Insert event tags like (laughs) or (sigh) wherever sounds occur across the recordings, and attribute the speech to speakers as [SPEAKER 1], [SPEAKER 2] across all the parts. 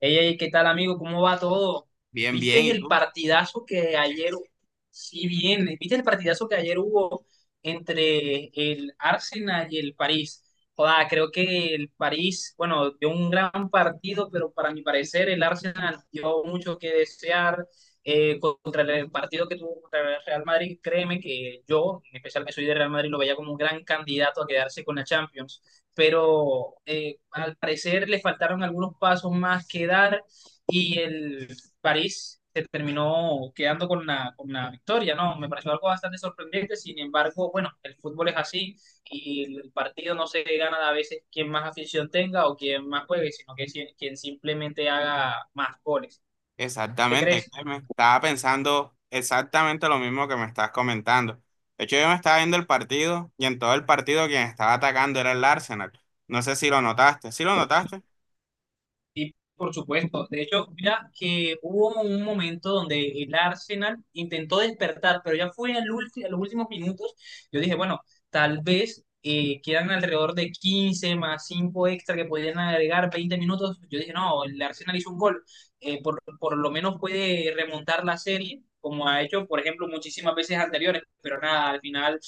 [SPEAKER 1] Ey, ey, ¿qué tal, amigo? ¿Cómo va todo?
[SPEAKER 2] Bien, bien,
[SPEAKER 1] ¿Viste
[SPEAKER 2] ¿y
[SPEAKER 1] el
[SPEAKER 2] tú?
[SPEAKER 1] partidazo que ayer, ¿Viste el partidazo que ayer hubo entre el Arsenal y el París? Joda, creo que el París, bueno, dio un gran partido, pero para mi parecer el Arsenal dio mucho que desear contra el partido que tuvo contra el Real Madrid. Créeme que yo, en especial que soy de Real Madrid, lo veía como un gran candidato a quedarse con la Champions, pero al parecer le faltaron algunos pasos más que dar y el París se terminó quedando con con la victoria, ¿no? Me pareció algo bastante sorprendente, sin embargo, bueno, el fútbol es así, y el partido no se gana a veces quien más afición tenga o quien más juegue, sino que quien simplemente haga más goles. ¿Qué
[SPEAKER 2] Exactamente,
[SPEAKER 1] crees?
[SPEAKER 2] Clemen. Estaba pensando exactamente lo mismo que me estás comentando. De hecho, yo me estaba viendo el partido y en todo el partido quien estaba atacando era el Arsenal. No sé si lo notaste. ¿Sí lo notaste?
[SPEAKER 1] Sí, por supuesto. De hecho, mira que hubo un momento donde el Arsenal intentó despertar, pero ya fue a los últimos minutos. Yo dije, bueno, tal vez quedan alrededor de 15 más 5 extra que podrían agregar 20 minutos. Yo dije, no, el Arsenal hizo un gol. Por lo menos puede remontar la serie, como ha hecho, por ejemplo, muchísimas veces anteriores. Pero nada, al final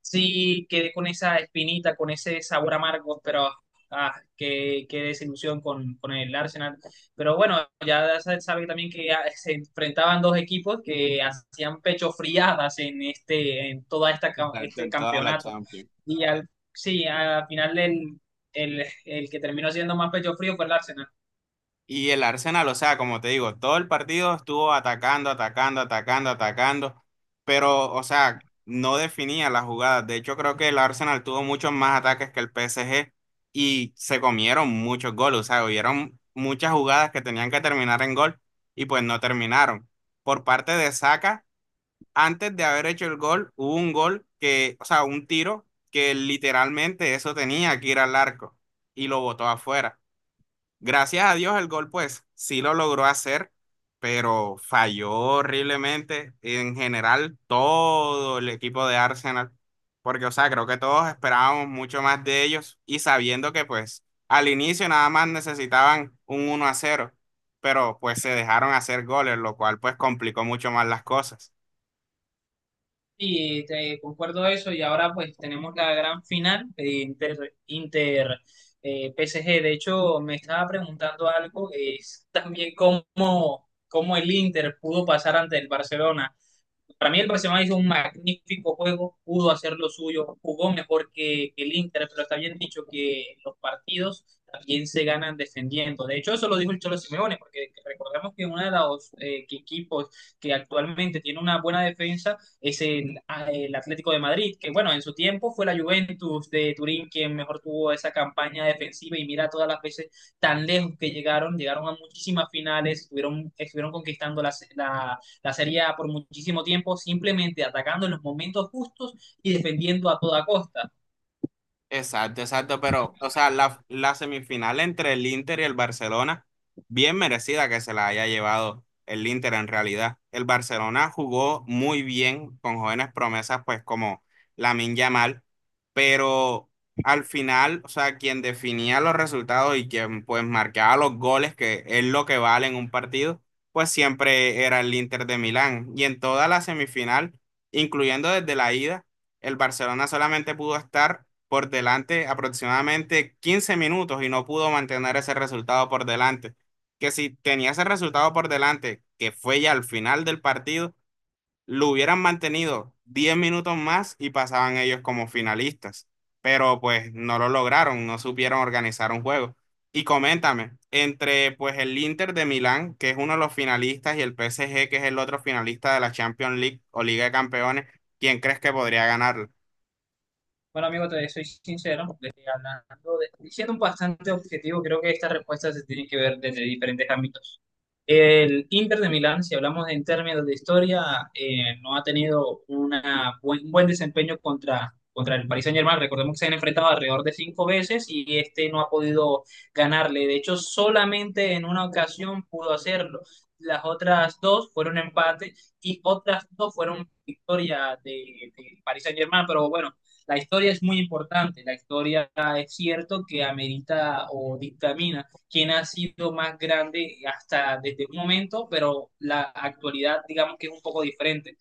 [SPEAKER 1] sí quedé con esa espinita, con ese sabor amargo, pero ah, qué desilusión con el Arsenal. Pero bueno, ya se sabe también que se enfrentaban dos equipos que hacían pecho friadas en, este, en todo
[SPEAKER 2] Exacto,
[SPEAKER 1] este
[SPEAKER 2] en toda la
[SPEAKER 1] campeonato.
[SPEAKER 2] Champions.
[SPEAKER 1] Al final el que terminó siendo más pecho frío fue el Arsenal.
[SPEAKER 2] Y el Arsenal, o sea, como te digo, todo el partido estuvo atacando, atacando, atacando, atacando, pero, o sea, no definía las jugadas. De hecho, creo que el Arsenal tuvo muchos más ataques que el PSG y se comieron muchos goles, o sea, hubieron muchas jugadas que tenían que terminar en gol y pues no terminaron. Por parte de Saka, antes de haber hecho el gol, hubo un gol que, o sea, un tiro que literalmente eso tenía que ir al arco y lo botó afuera. Gracias a Dios el gol pues sí lo logró hacer, pero falló horriblemente en general todo el equipo de Arsenal, porque o sea, creo que todos esperábamos mucho más de ellos y sabiendo que pues al inicio nada más necesitaban un 1-0, pero pues se dejaron hacer goles, lo cual pues complicó mucho más las cosas.
[SPEAKER 1] Sí, te concuerdo eso, y ahora pues tenemos la gran final de Inter PSG. De hecho, me estaba preguntando algo, es también cómo el Inter pudo pasar ante el Barcelona. Para mí el Barcelona hizo un magnífico juego, pudo hacer lo suyo, jugó mejor que el Inter, pero está bien dicho que los partidos también se ganan defendiendo. De hecho, eso lo dijo el Cholo Simeone, porque recordemos que uno de los equipos que actualmente tiene una buena defensa es el Atlético de Madrid, que bueno, en su tiempo fue la Juventus de Turín quien mejor tuvo esa campaña defensiva, y mira todas las veces tan lejos que llegaron, llegaron a muchísimas finales, estuvieron, estuvieron conquistando la sería por muchísimo tiempo simplemente atacando en los momentos justos y defendiendo a toda costa.
[SPEAKER 2] Exacto, exacto, pero, o sea, la semifinal entre el Inter y el Barcelona, bien merecida que se la haya llevado el Inter en realidad. El Barcelona jugó muy bien con jóvenes promesas, pues como Lamine Yamal, pero al final, o sea, quien definía los resultados y quien pues marcaba los goles, que es lo que vale en un partido, pues siempre era el Inter de Milán. Y en toda la semifinal, incluyendo desde la ida, el Barcelona solamente pudo estar por delante aproximadamente 15 minutos y no pudo mantener ese resultado por delante. Que si tenía ese resultado por delante, que fue ya al final del partido, lo hubieran mantenido 10 minutos más y pasaban ellos como finalistas. Pero pues no lo lograron, no supieron organizar un juego. Y coméntame, entre pues el Inter de Milán, que es uno de los finalistas, y el PSG, que es el otro finalista de la Champions League o Liga de Campeones, ¿quién crees que podría ganarlo?
[SPEAKER 1] Bueno, amigo, te soy sincero, hablando de, siendo un bastante objetivo, creo que estas respuestas se tienen que ver desde diferentes ámbitos. El Inter de Milán, si hablamos en términos de historia, no ha tenido un buen desempeño contra el Paris Saint-Germain. Recordemos que se han enfrentado alrededor de cinco veces y este no ha podido ganarle. De hecho, solamente en una ocasión pudo hacerlo. Las otras dos fueron empate y otras dos fueron victoria de Paris Saint-Germain. Pero bueno, la historia es muy importante. La historia es cierto que amerita o dictamina quién ha sido más grande hasta desde un momento, pero la actualidad digamos que es un poco diferente.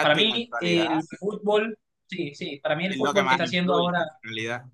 [SPEAKER 1] Para
[SPEAKER 2] y la
[SPEAKER 1] mí
[SPEAKER 2] actualidad.
[SPEAKER 1] el fútbol, sí, sí, para mí el
[SPEAKER 2] Es lo que
[SPEAKER 1] fútbol que
[SPEAKER 2] más
[SPEAKER 1] está haciendo
[SPEAKER 2] influye,
[SPEAKER 1] ahora.
[SPEAKER 2] en realidad.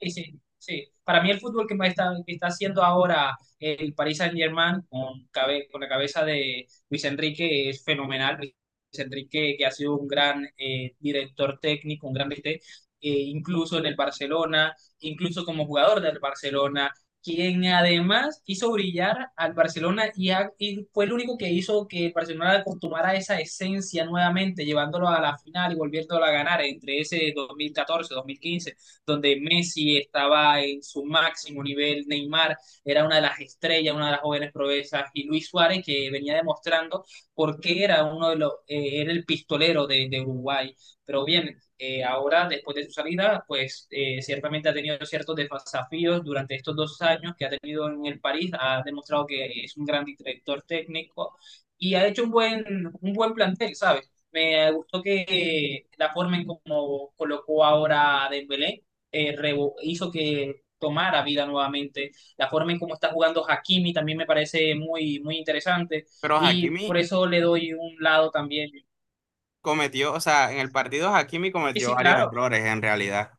[SPEAKER 1] Sí, sí, sí. Para mí el fútbol que me está, que está haciendo ahora el Paris Saint-Germain con la cabeza de Luis Enrique es fenomenal. Luis Enrique, que ha sido un gran director técnico, un gran DT, incluso en el Barcelona, incluso como jugador del Barcelona, quien además hizo brillar al Barcelona y fue el único que hizo que el Barcelona acostumbrara a esa esencia nuevamente, llevándolo a la final y volviéndolo a ganar entre ese dos mil catorce, dos mil quince, donde Messi estaba en su máximo nivel, Neymar era una de las estrellas, una de las jóvenes proezas, y Luis Suárez, que venía demostrando por qué era uno de era el pistolero de Uruguay. Pero bien, ahora, después de su salida, pues ciertamente ha tenido ciertos desafíos durante estos dos años que ha tenido en el París, ha demostrado que es un gran director técnico y ha hecho un buen plantel, ¿sabes? Me gustó que la forma en cómo colocó ahora a Dembélé, hizo que tomara vida nuevamente. La forma en cómo está jugando Hakimi también me parece muy, muy interesante,
[SPEAKER 2] Pero
[SPEAKER 1] y por
[SPEAKER 2] Hakimi
[SPEAKER 1] eso le doy un lado también.
[SPEAKER 2] cometió, o sea, en el partido Hakimi
[SPEAKER 1] Sí,
[SPEAKER 2] cometió
[SPEAKER 1] sí,
[SPEAKER 2] varios
[SPEAKER 1] claro.
[SPEAKER 2] errores, en realidad.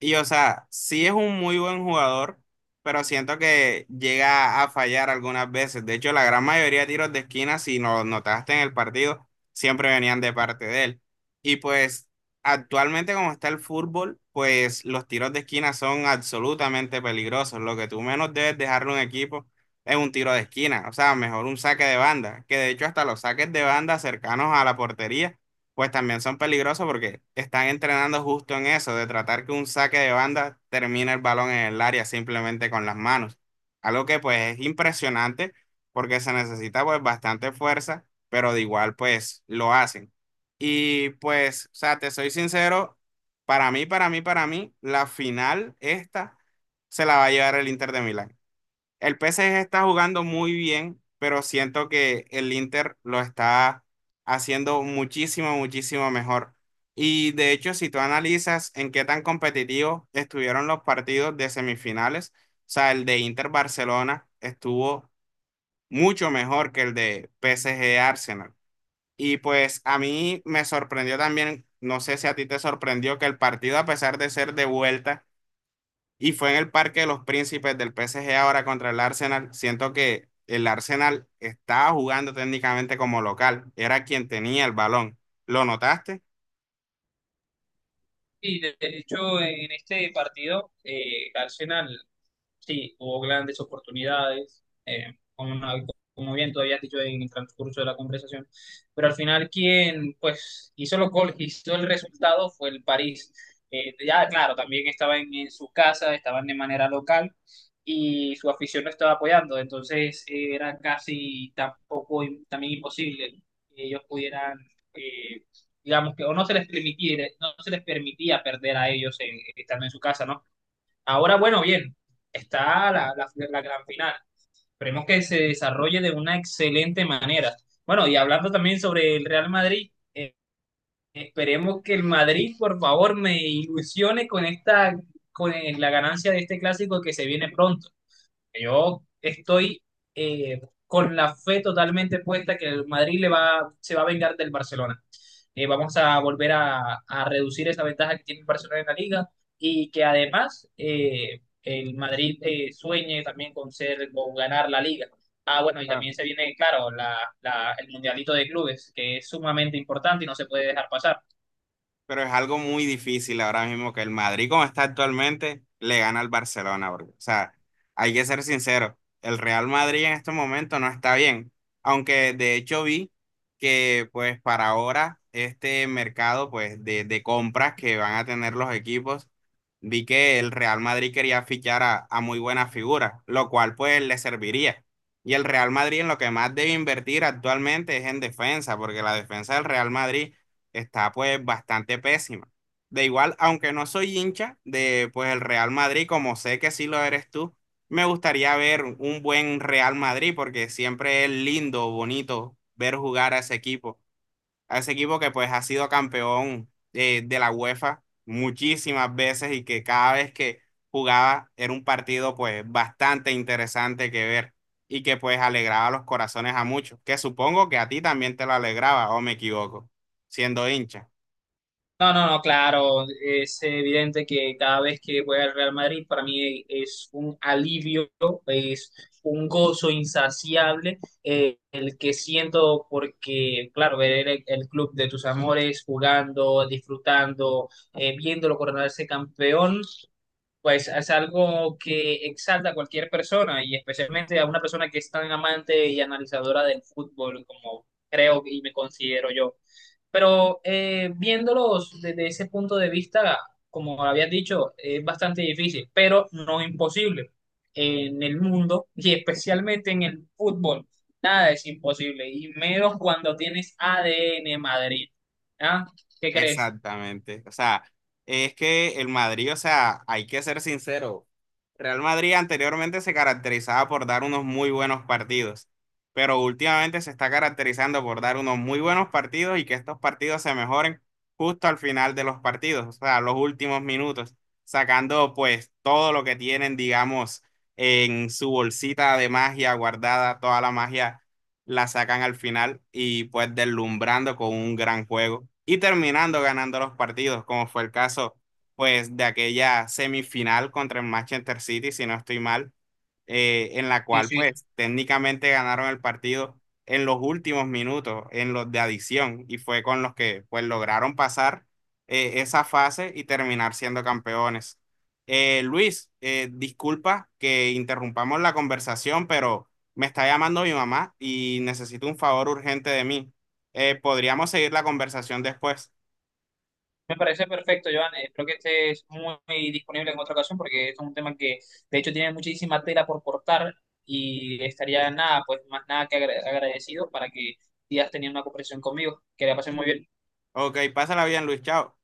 [SPEAKER 2] Y o sea, sí es un muy buen jugador, pero siento que llega a fallar algunas veces. De hecho, la gran mayoría de tiros de esquina, si lo notaste en el partido, siempre venían de parte de él. Y pues actualmente como está el fútbol, pues los tiros de esquina son absolutamente peligrosos. Lo que tú menos debes dejarle a un equipo es un tiro de esquina. O sea, mejor un saque de banda, que de hecho hasta los saques de banda cercanos a la portería pues también son peligrosos porque están entrenando justo en eso, de tratar que un saque de banda termine el balón en el área simplemente con las manos. Algo que pues es impresionante porque se necesita pues bastante fuerza, pero de igual pues lo hacen. Y pues, o sea, te soy sincero, para mí, para mí, para mí, la final esta se la va a llevar el Inter de Milán. El P S G está jugando muy bien, pero siento que el Inter lo está haciendo muchísimo, muchísimo mejor. Y de hecho, si tú analizas en qué tan competitivos estuvieron los partidos de semifinales, o sea, el de Inter Barcelona estuvo mucho mejor que el de P S G Arsenal. Y pues a mí me sorprendió también, no sé si a ti te sorprendió que el partido, a pesar de ser de vuelta, y fue en el Parque de los Príncipes del PSG ahora contra el Arsenal. Siento que el Arsenal estaba jugando técnicamente como local. Era quien tenía el balón. ¿Lo notaste?
[SPEAKER 1] Y de hecho, en este partido, Arsenal sí, hubo grandes oportunidades, como, no, como bien todavía has dicho en el transcurso de la conversación, pero al final quien pues hizo los goles, hizo el resultado fue el París. Ya, claro, también estaban su casa, estaban de manera local y su afición lo estaba apoyando, entonces era casi tampoco también imposible que ellos pudieran eh, digamos que o no se les permitiera, no se les permitía perder a ellos en, estando en su casa, ¿no? Ahora, bueno, bien, está la gran final. Esperemos que se desarrolle de una excelente manera. Bueno, y hablando también sobre el Real Madrid, esperemos que el Madrid, por favor, me ilusione con esta, con la ganancia de este clásico que se viene pronto. Yo estoy eh, con la fe totalmente puesta que el Madrid se va a vengar del Barcelona. Eh, vamos a volver a reducir esa ventaja que tiene el Barcelona en la liga, y que además el Madrid sueñe también con ser o ganar la liga. Ah, bueno, y también se viene, claro, el mundialito de clubes, que es sumamente importante y no se puede dejar pasar.
[SPEAKER 2] Pero es algo muy difícil ahora mismo que el Madrid, como está actualmente, le gana al Barcelona. Porque, o sea, hay que ser sincero, el Real Madrid en este momento no está bien. Aunque de hecho vi que pues para ahora este mercado pues de compras que van a tener los equipos, vi que el Real Madrid quería fichar a, muy buenas figuras, lo cual pues le serviría. Y el Real Madrid en lo que más debe invertir actualmente es en defensa, porque la defensa del Real Madrid está pues bastante pésima. De igual, aunque no soy hincha de pues el Real Madrid, como sé que sí lo eres tú, me gustaría ver un buen Real Madrid porque siempre es lindo, bonito ver jugar a ese equipo que pues ha sido campeón de la UEFA muchísimas veces y que cada vez que jugaba era un partido pues bastante interesante que ver y que pues alegraba los corazones a muchos, que supongo que a ti también te lo alegraba o me equivoco, siendo hincha.
[SPEAKER 1] No, no, no, claro, es evidente que cada vez que voy al Real Madrid para mí es un alivio, es un gozo insaciable, el que siento porque, claro, ver el club de tus amores jugando, disfrutando, viéndolo coronarse campeón, pues es algo que exalta a cualquier persona y especialmente a una persona que es tan amante y analizadora del fútbol como creo y me considero yo. Pero viéndolos desde ese punto de vista, como habías dicho, es bastante difícil, pero no imposible. En el mundo (laughs) y especialmente en el fútbol, nada es imposible, y menos cuando tienes ADN Madrid. ¿Ah? ¿Qué crees?
[SPEAKER 2] Exactamente. O sea, es que el Madrid, o sea, hay que ser sincero. Real Madrid anteriormente se caracterizaba por dar unos muy buenos partidos, pero últimamente se está caracterizando por dar unos muy buenos partidos y que estos partidos se mejoren justo al final de los partidos, o sea, los últimos minutos, sacando pues todo lo que tienen, digamos, en su bolsita de magia guardada, toda la magia la sacan al final y pues deslumbrando con un gran juego y terminando ganando los partidos, como fue el caso pues de aquella semifinal contra el Manchester City, si no estoy mal, en la
[SPEAKER 1] Sí,
[SPEAKER 2] cual
[SPEAKER 1] sí,
[SPEAKER 2] pues técnicamente ganaron el partido en los últimos minutos, en los de adición, y fue con los que pues lograron pasar esa fase y terminar siendo campeones. Luis, disculpa que interrumpamos la conversación, pero me está llamando mi mamá y necesito un favor urgente de mí. Podríamos seguir la conversación después.
[SPEAKER 1] me parece perfecto, Joan. Creo que estés muy, muy disponible en otra ocasión porque es un tema que de hecho tiene muchísima tela por cortar, y estaría nada, pues más nada que agradecido para que sigas teniendo una conversación conmigo. Que la pasen muy bien.
[SPEAKER 2] Ok, pásala bien, Luis, chao.